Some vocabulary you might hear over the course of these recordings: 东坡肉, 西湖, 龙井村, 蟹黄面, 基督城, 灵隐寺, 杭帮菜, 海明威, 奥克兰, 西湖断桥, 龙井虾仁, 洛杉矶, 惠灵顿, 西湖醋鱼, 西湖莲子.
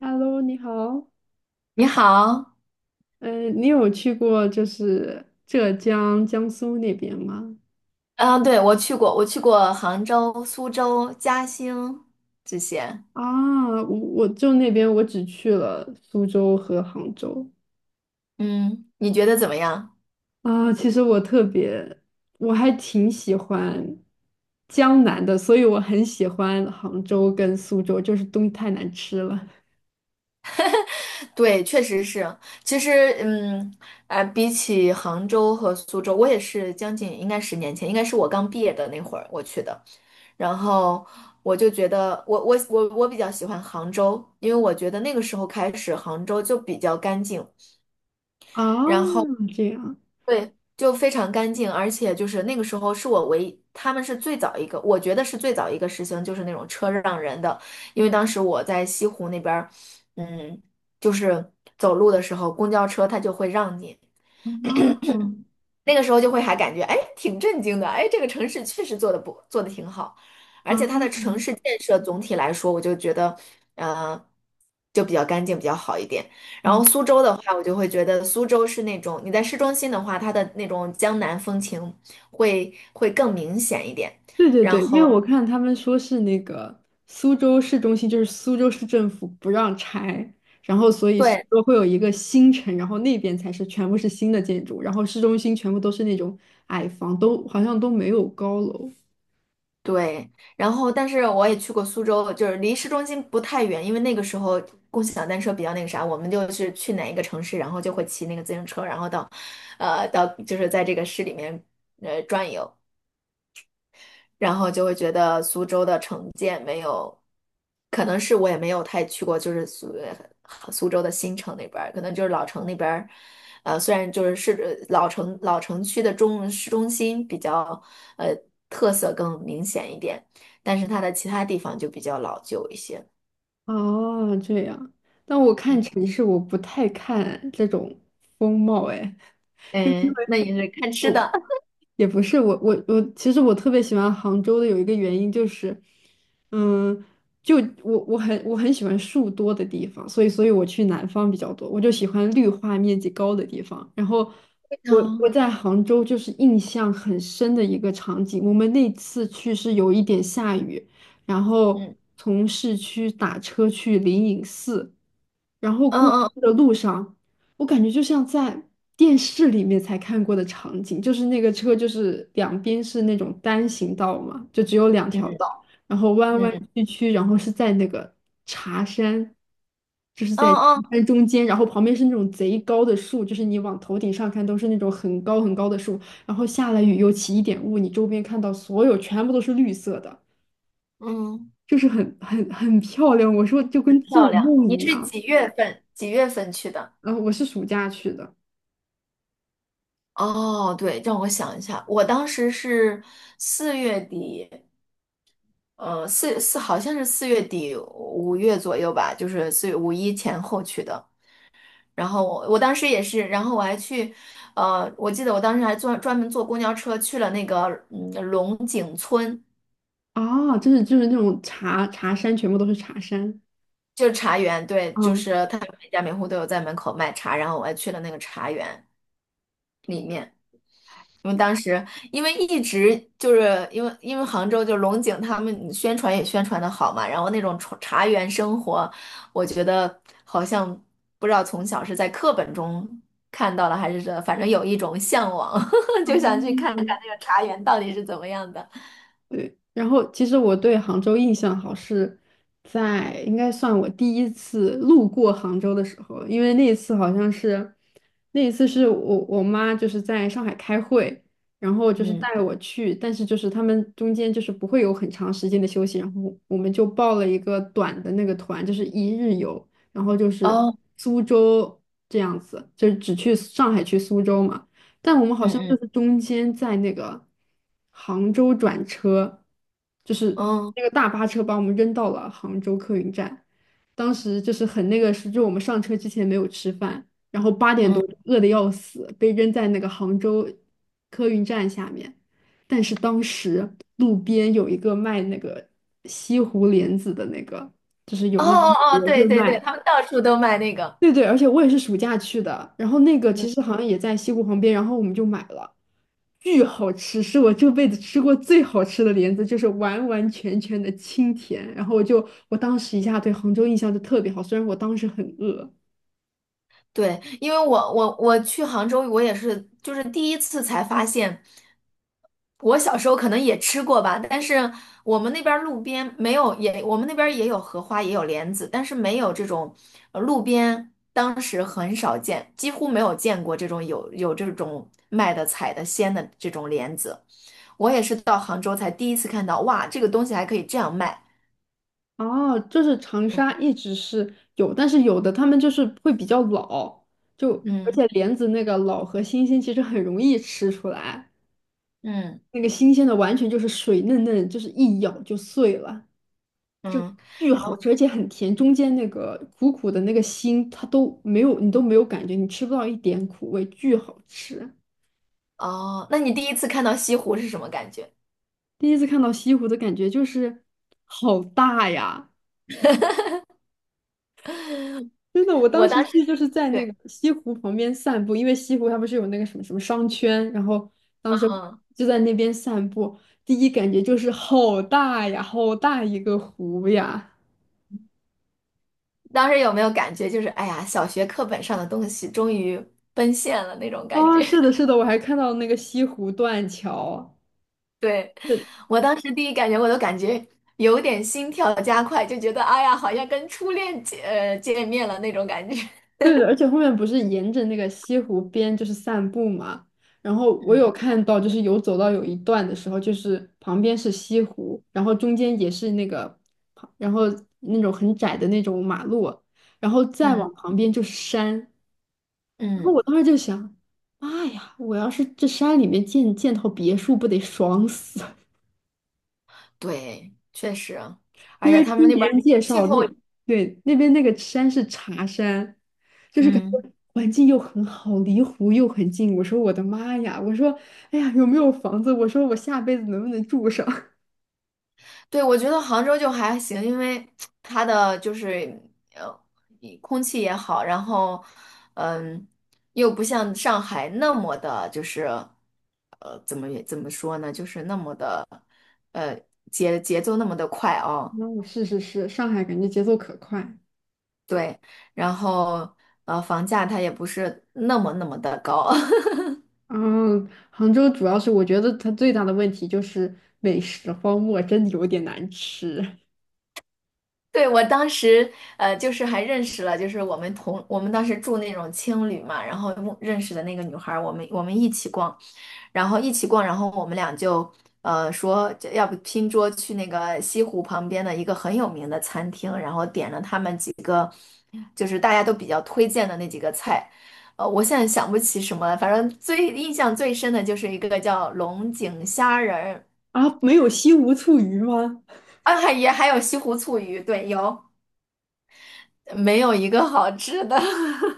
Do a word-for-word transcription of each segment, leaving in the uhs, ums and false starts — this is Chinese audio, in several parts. Hello，你好。你好。嗯，你有去过就是浙江、江苏那边吗？嗯，对，我去过，我去过杭州、苏州、嘉兴这些。啊，我我就那边我只去了苏州和杭州。嗯，你觉得怎么样？啊，其实我特别，我还挺喜欢江南的，所以我很喜欢杭州跟苏州，就是东西太难吃了。对，确实是。其实，嗯，啊、比起杭州和苏州，我也是将近应该十年前，应该是我刚毕业的那会儿我去的。然后我就觉得我，我我我比较喜欢杭州，因为我觉得那个时候开始，杭州就比较干净。啊，然后这样。对，就非常干净，而且就是那个时候是我唯一，他们是最早一个，我觉得是最早一个实行就是那种车让人的，因为当时我在西湖那边儿。嗯，就是走路的时候，公交车它就会让你，啊那个时候就会还感觉，哎，挺震惊的，哎，这个城市确实做的不做的挺好，而且它啊的城市建设总体来说，我就觉得，呃，就比较干净，比较好一点。然啊！后苏州的话，我就会觉得苏州是那种你在市中心的话，它的那种江南风情会会更明显一点。对对然对，因为后我看他们说是那个苏州市中心，就是苏州市政府不让拆，然后所以苏对，州会有一个新城，然后那边才是全部是新的建筑，然后市中心全部都是那种矮房，都好像都没有高楼。对，然后但是我也去过苏州，就是离市中心不太远，因为那个时候共享单车比较那个啥，我们就是去哪一个城市，然后就会骑那个自行车，然后到，呃，到就是在这个市里面呃转悠。然后就会觉得苏州的城建没有，可能是我也没有太去过，就是苏呃苏州的新城那边儿，可能就是老城那边儿，呃，虽然就是市呃老城老城区的中市中心比较呃特色更明显一点，但是它的其他地方就比较老旧一些。哦，这样。但我看嗯城市，我不太看这种风貌，哎。就因嗯，那为 也是看 吃我的。也不是我我我，其实我特别喜欢杭州的有一个原因就是，嗯，就我我很我很喜欢树多的地方，所以所以我去南方比较多，我就喜欢绿化面积高的地方。然后我我嗯在杭州就是印象很深的一个场景，我们那次去是有一点下雨，然后嗯从市区打车去灵隐寺。然后嗯过去嗯的路上，我感觉就像在电视里面才看过的场景，就是那个车就是两边是那种单行道嘛，就只有两嗯条道，然后弯弯嗯曲曲，然后是在那个茶山，就是在茶嗯山中间，然后旁边是那种贼高的树，就是你往头顶上看都是那种很高很高的树，然后下了雨又起一点雾，你周边看到所有全部都是绿色的。嗯，嗯，就是很很很漂亮，我说就跟漂做亮。梦你一是样。几月份？几月份去的？然后我是暑假去的。哦，对，让我想一下，我当时是四月底，呃，四四好像是四月底五月左右吧，就是四月五一前后去的。然后我我当时也是，然后我还去，呃，我记得我当时还专专门坐公交车去了那个嗯龙井村，哦，就是就是那种茶茶山，全部都是茶山。就是茶园。对，就嗯，是他每家每户都有在门口卖茶，然后我还去了那个茶园里面。因为当时因为一直就是因为因为杭州就龙井他们宣传也宣传的好嘛，然后那种茶茶园生活，我觉得好像不知道从小是在课本中看到了还是这，反正有一种向往，就想去看看哦，那个茶园到底是怎么样的。对，然后其实我对杭州印象好是在应该算我第一次路过杭州的时候，因为那一次好像是那一次是我我妈就是在上海开会，然后就是嗯，带我去，但是就是他们中间就是不会有很长时间的休息，然后我们就报了一个短的那个团，就是一日游，然后就是哦，苏州这样子，就是只去上海去苏州嘛。但我们好嗯像就嗯是中间在那个杭州转车，就是嗯那个大巴车把我们扔到了杭州客运站。当时就是很那个是，就我们上车之前没有吃饭，然后八点多嗯，饿得要死，被扔在那个杭州客运站下面。但是当时路边有一个卖那个西湖莲子的那个，就是哦有那种哦哦，也对会对对，卖。他们到处都卖那个。对对，而且我也是暑假去的，然后那个其实好像也在西湖旁边，然后我们就买了，巨好吃，是我这辈子吃过最好吃的莲子，就是完完全全的清甜。然后我就我当时一下对杭州印象就特别好，虽然我当时很饿。对，因为我我我去杭州，我也是就是第一次才发现，我小时候可能也吃过吧，但是我们那边儿路边没有也，我们那边儿也有荷花，也有莲子，但是没有这种呃路边当时很少见，几乎没有见过这种有有这种卖的采的鲜的这种莲子。我也是到杭州才第一次看到，哇，这个东西还可以这样卖。哦，就是长沙一直是有，但是有的他们就是会比较老，就而嗯且莲子那个老和新鲜其实很容易吃出来，嗯那个新鲜的完全就是水嫩嫩，就是一咬就碎了。嗯，巨然好后吃，而且很甜，中间那个苦苦的那个心，它都没有，你都没有感觉，你吃不到一点苦味，巨好吃。哦，那你第一次看到西湖是什么感觉？第一次看到西湖的感觉就是好大呀！真的，我当我时当时去就是在对，那个西湖旁边散步，因为西湖它不是有那个什么什么商圈，然后当时嗯，就在那边散步，第一感觉就是好大呀，好大一个湖呀！当时有没有感觉就是，哎呀，小学课本上的东西终于奔现了那种感啊，觉？是的，是的，我还看到那个西湖断桥。对，我当时第一感觉，我都感觉有点心跳加快，就觉得哎呀，好像跟初恋见呃见面了那种感觉。对的，而且后面不是沿着那个西湖边就是散步嘛，然后 我有嗯看到，就是有走到有一段的时候，就是旁边是西湖，然后中间也是那个，然后那种很窄的那种马路，然后再嗯往旁边就是山，然后嗯，我当时就想，妈呀，我要是这山里面建建套别墅，不得爽死？对，确实，而因且为他们听那边别儿人介气绍，那候。对那边那个山是茶山，就是感觉嗯。环境又很好，离湖又很近。我说我的妈呀！我说哎呀，有没有房子？我说我下辈子能不能住上？对，我觉得杭州就还行，因为 它的就是呃，一空气也好，然后嗯，又不像上海那么的，就是呃，怎么也怎么说呢，就是那么的呃节节奏那么的快哦。嗯，是是是，上海感觉节奏可快。对，然后呃，房价它也不是那么那么的高。嗯，杭州主要是我觉得它最大的问题就是美食荒漠，真的有点难吃对，我当时呃，就是还认识了，就是我们同我们当时住那种青旅嘛，然后认识的那个女孩儿，我们我们一起逛。然后一起逛，然后我们俩就呃说这要不拼桌去那个西湖旁边的一个很有名的餐厅，然后点了他们几个就是大家都比较推荐的那几个菜。呃，我现在想不起什么了，反正最印象最深的就是一个叫龙井虾仁儿。啊！没有西湖醋鱼吗？啊，也还有西湖醋鱼，对，有。没有一个好吃的，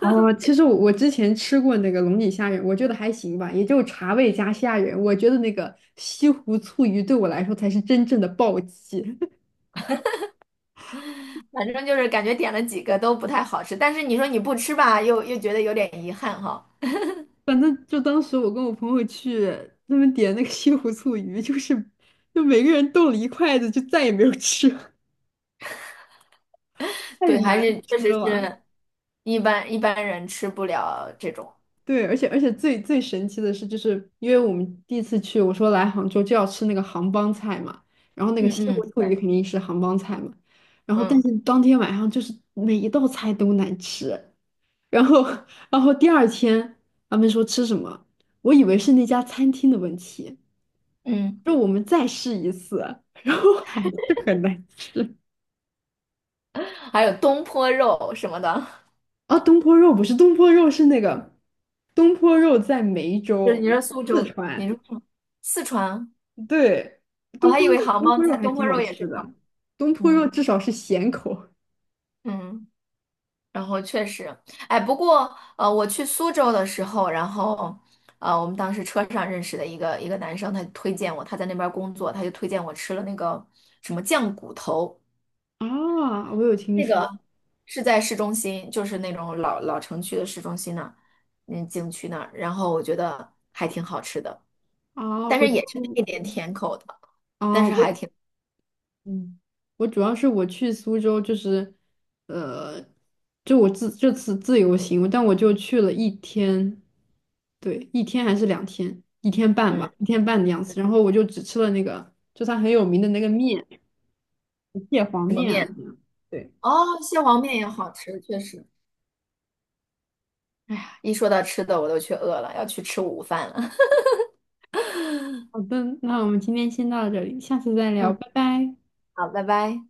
哦，其实我我之前吃过那个龙井虾仁，我觉得还行吧，也就茶味加虾仁。我觉得那个西湖醋鱼对我来说才是真正的暴击。反正就是感觉点了几个都不太好吃。但是你说你不吃吧，又又觉得有点遗憾哈。反正就当时我跟我朋友去，他们点那个西湖醋鱼，就是就每个人动了一筷子，就再也没有吃，太对，还难是确吃实了。是一般一般人吃不了这种。对，而且而且最最神奇的是，就是因为我们第一次去，我说来杭州就要吃那个杭帮菜嘛，然后那个嗯西湖嗯醋鱼肯定是杭帮菜嘛，然后但嗯是当天晚上就是每一道菜都难吃，然后 然后第二天他们说吃什么，我以为是那家餐厅的问题，嗯，说我们再试一次，然后还是很难吃。还有东坡肉什么的，啊，东坡肉不是东坡肉是那个东坡肉在梅 就是你州，说苏四州，你川。说什么四川，对，我东还坡以肉，为杭东帮坡肉菜，还东挺坡好肉也吃是杭。的。东坡肉嗯至少是咸口。嗯，然后确实，哎，不过呃，我去苏州的时候，然后呃，我们当时车上认识的一个一个男生，他推荐我，他在那边工作，他就推荐我吃了那个什么酱骨头。啊，我有听那个说是在市中心，就是那种老老城区的市中心那儿。嗯，景区那儿。然后我觉得还挺好吃的，啊，但我是就也是配点甜口的，但啊，是还我挺，嗯，我主要是我去苏州，就是，呃，就我自这次自由行，但我就去了一天，对，一天还是两天，一天半嗯，吧，一天半的样子。然后我就只吃了那个，就它很有名的那个面，蟹黄什么面啊，面？这样。对，哦，蟹黄面也好吃，确实。哎呀，一说到吃的，我都去饿了，要去吃午饭了。好的，那我们今天先到这里，下次再聊，嗯，拜拜。好，拜拜。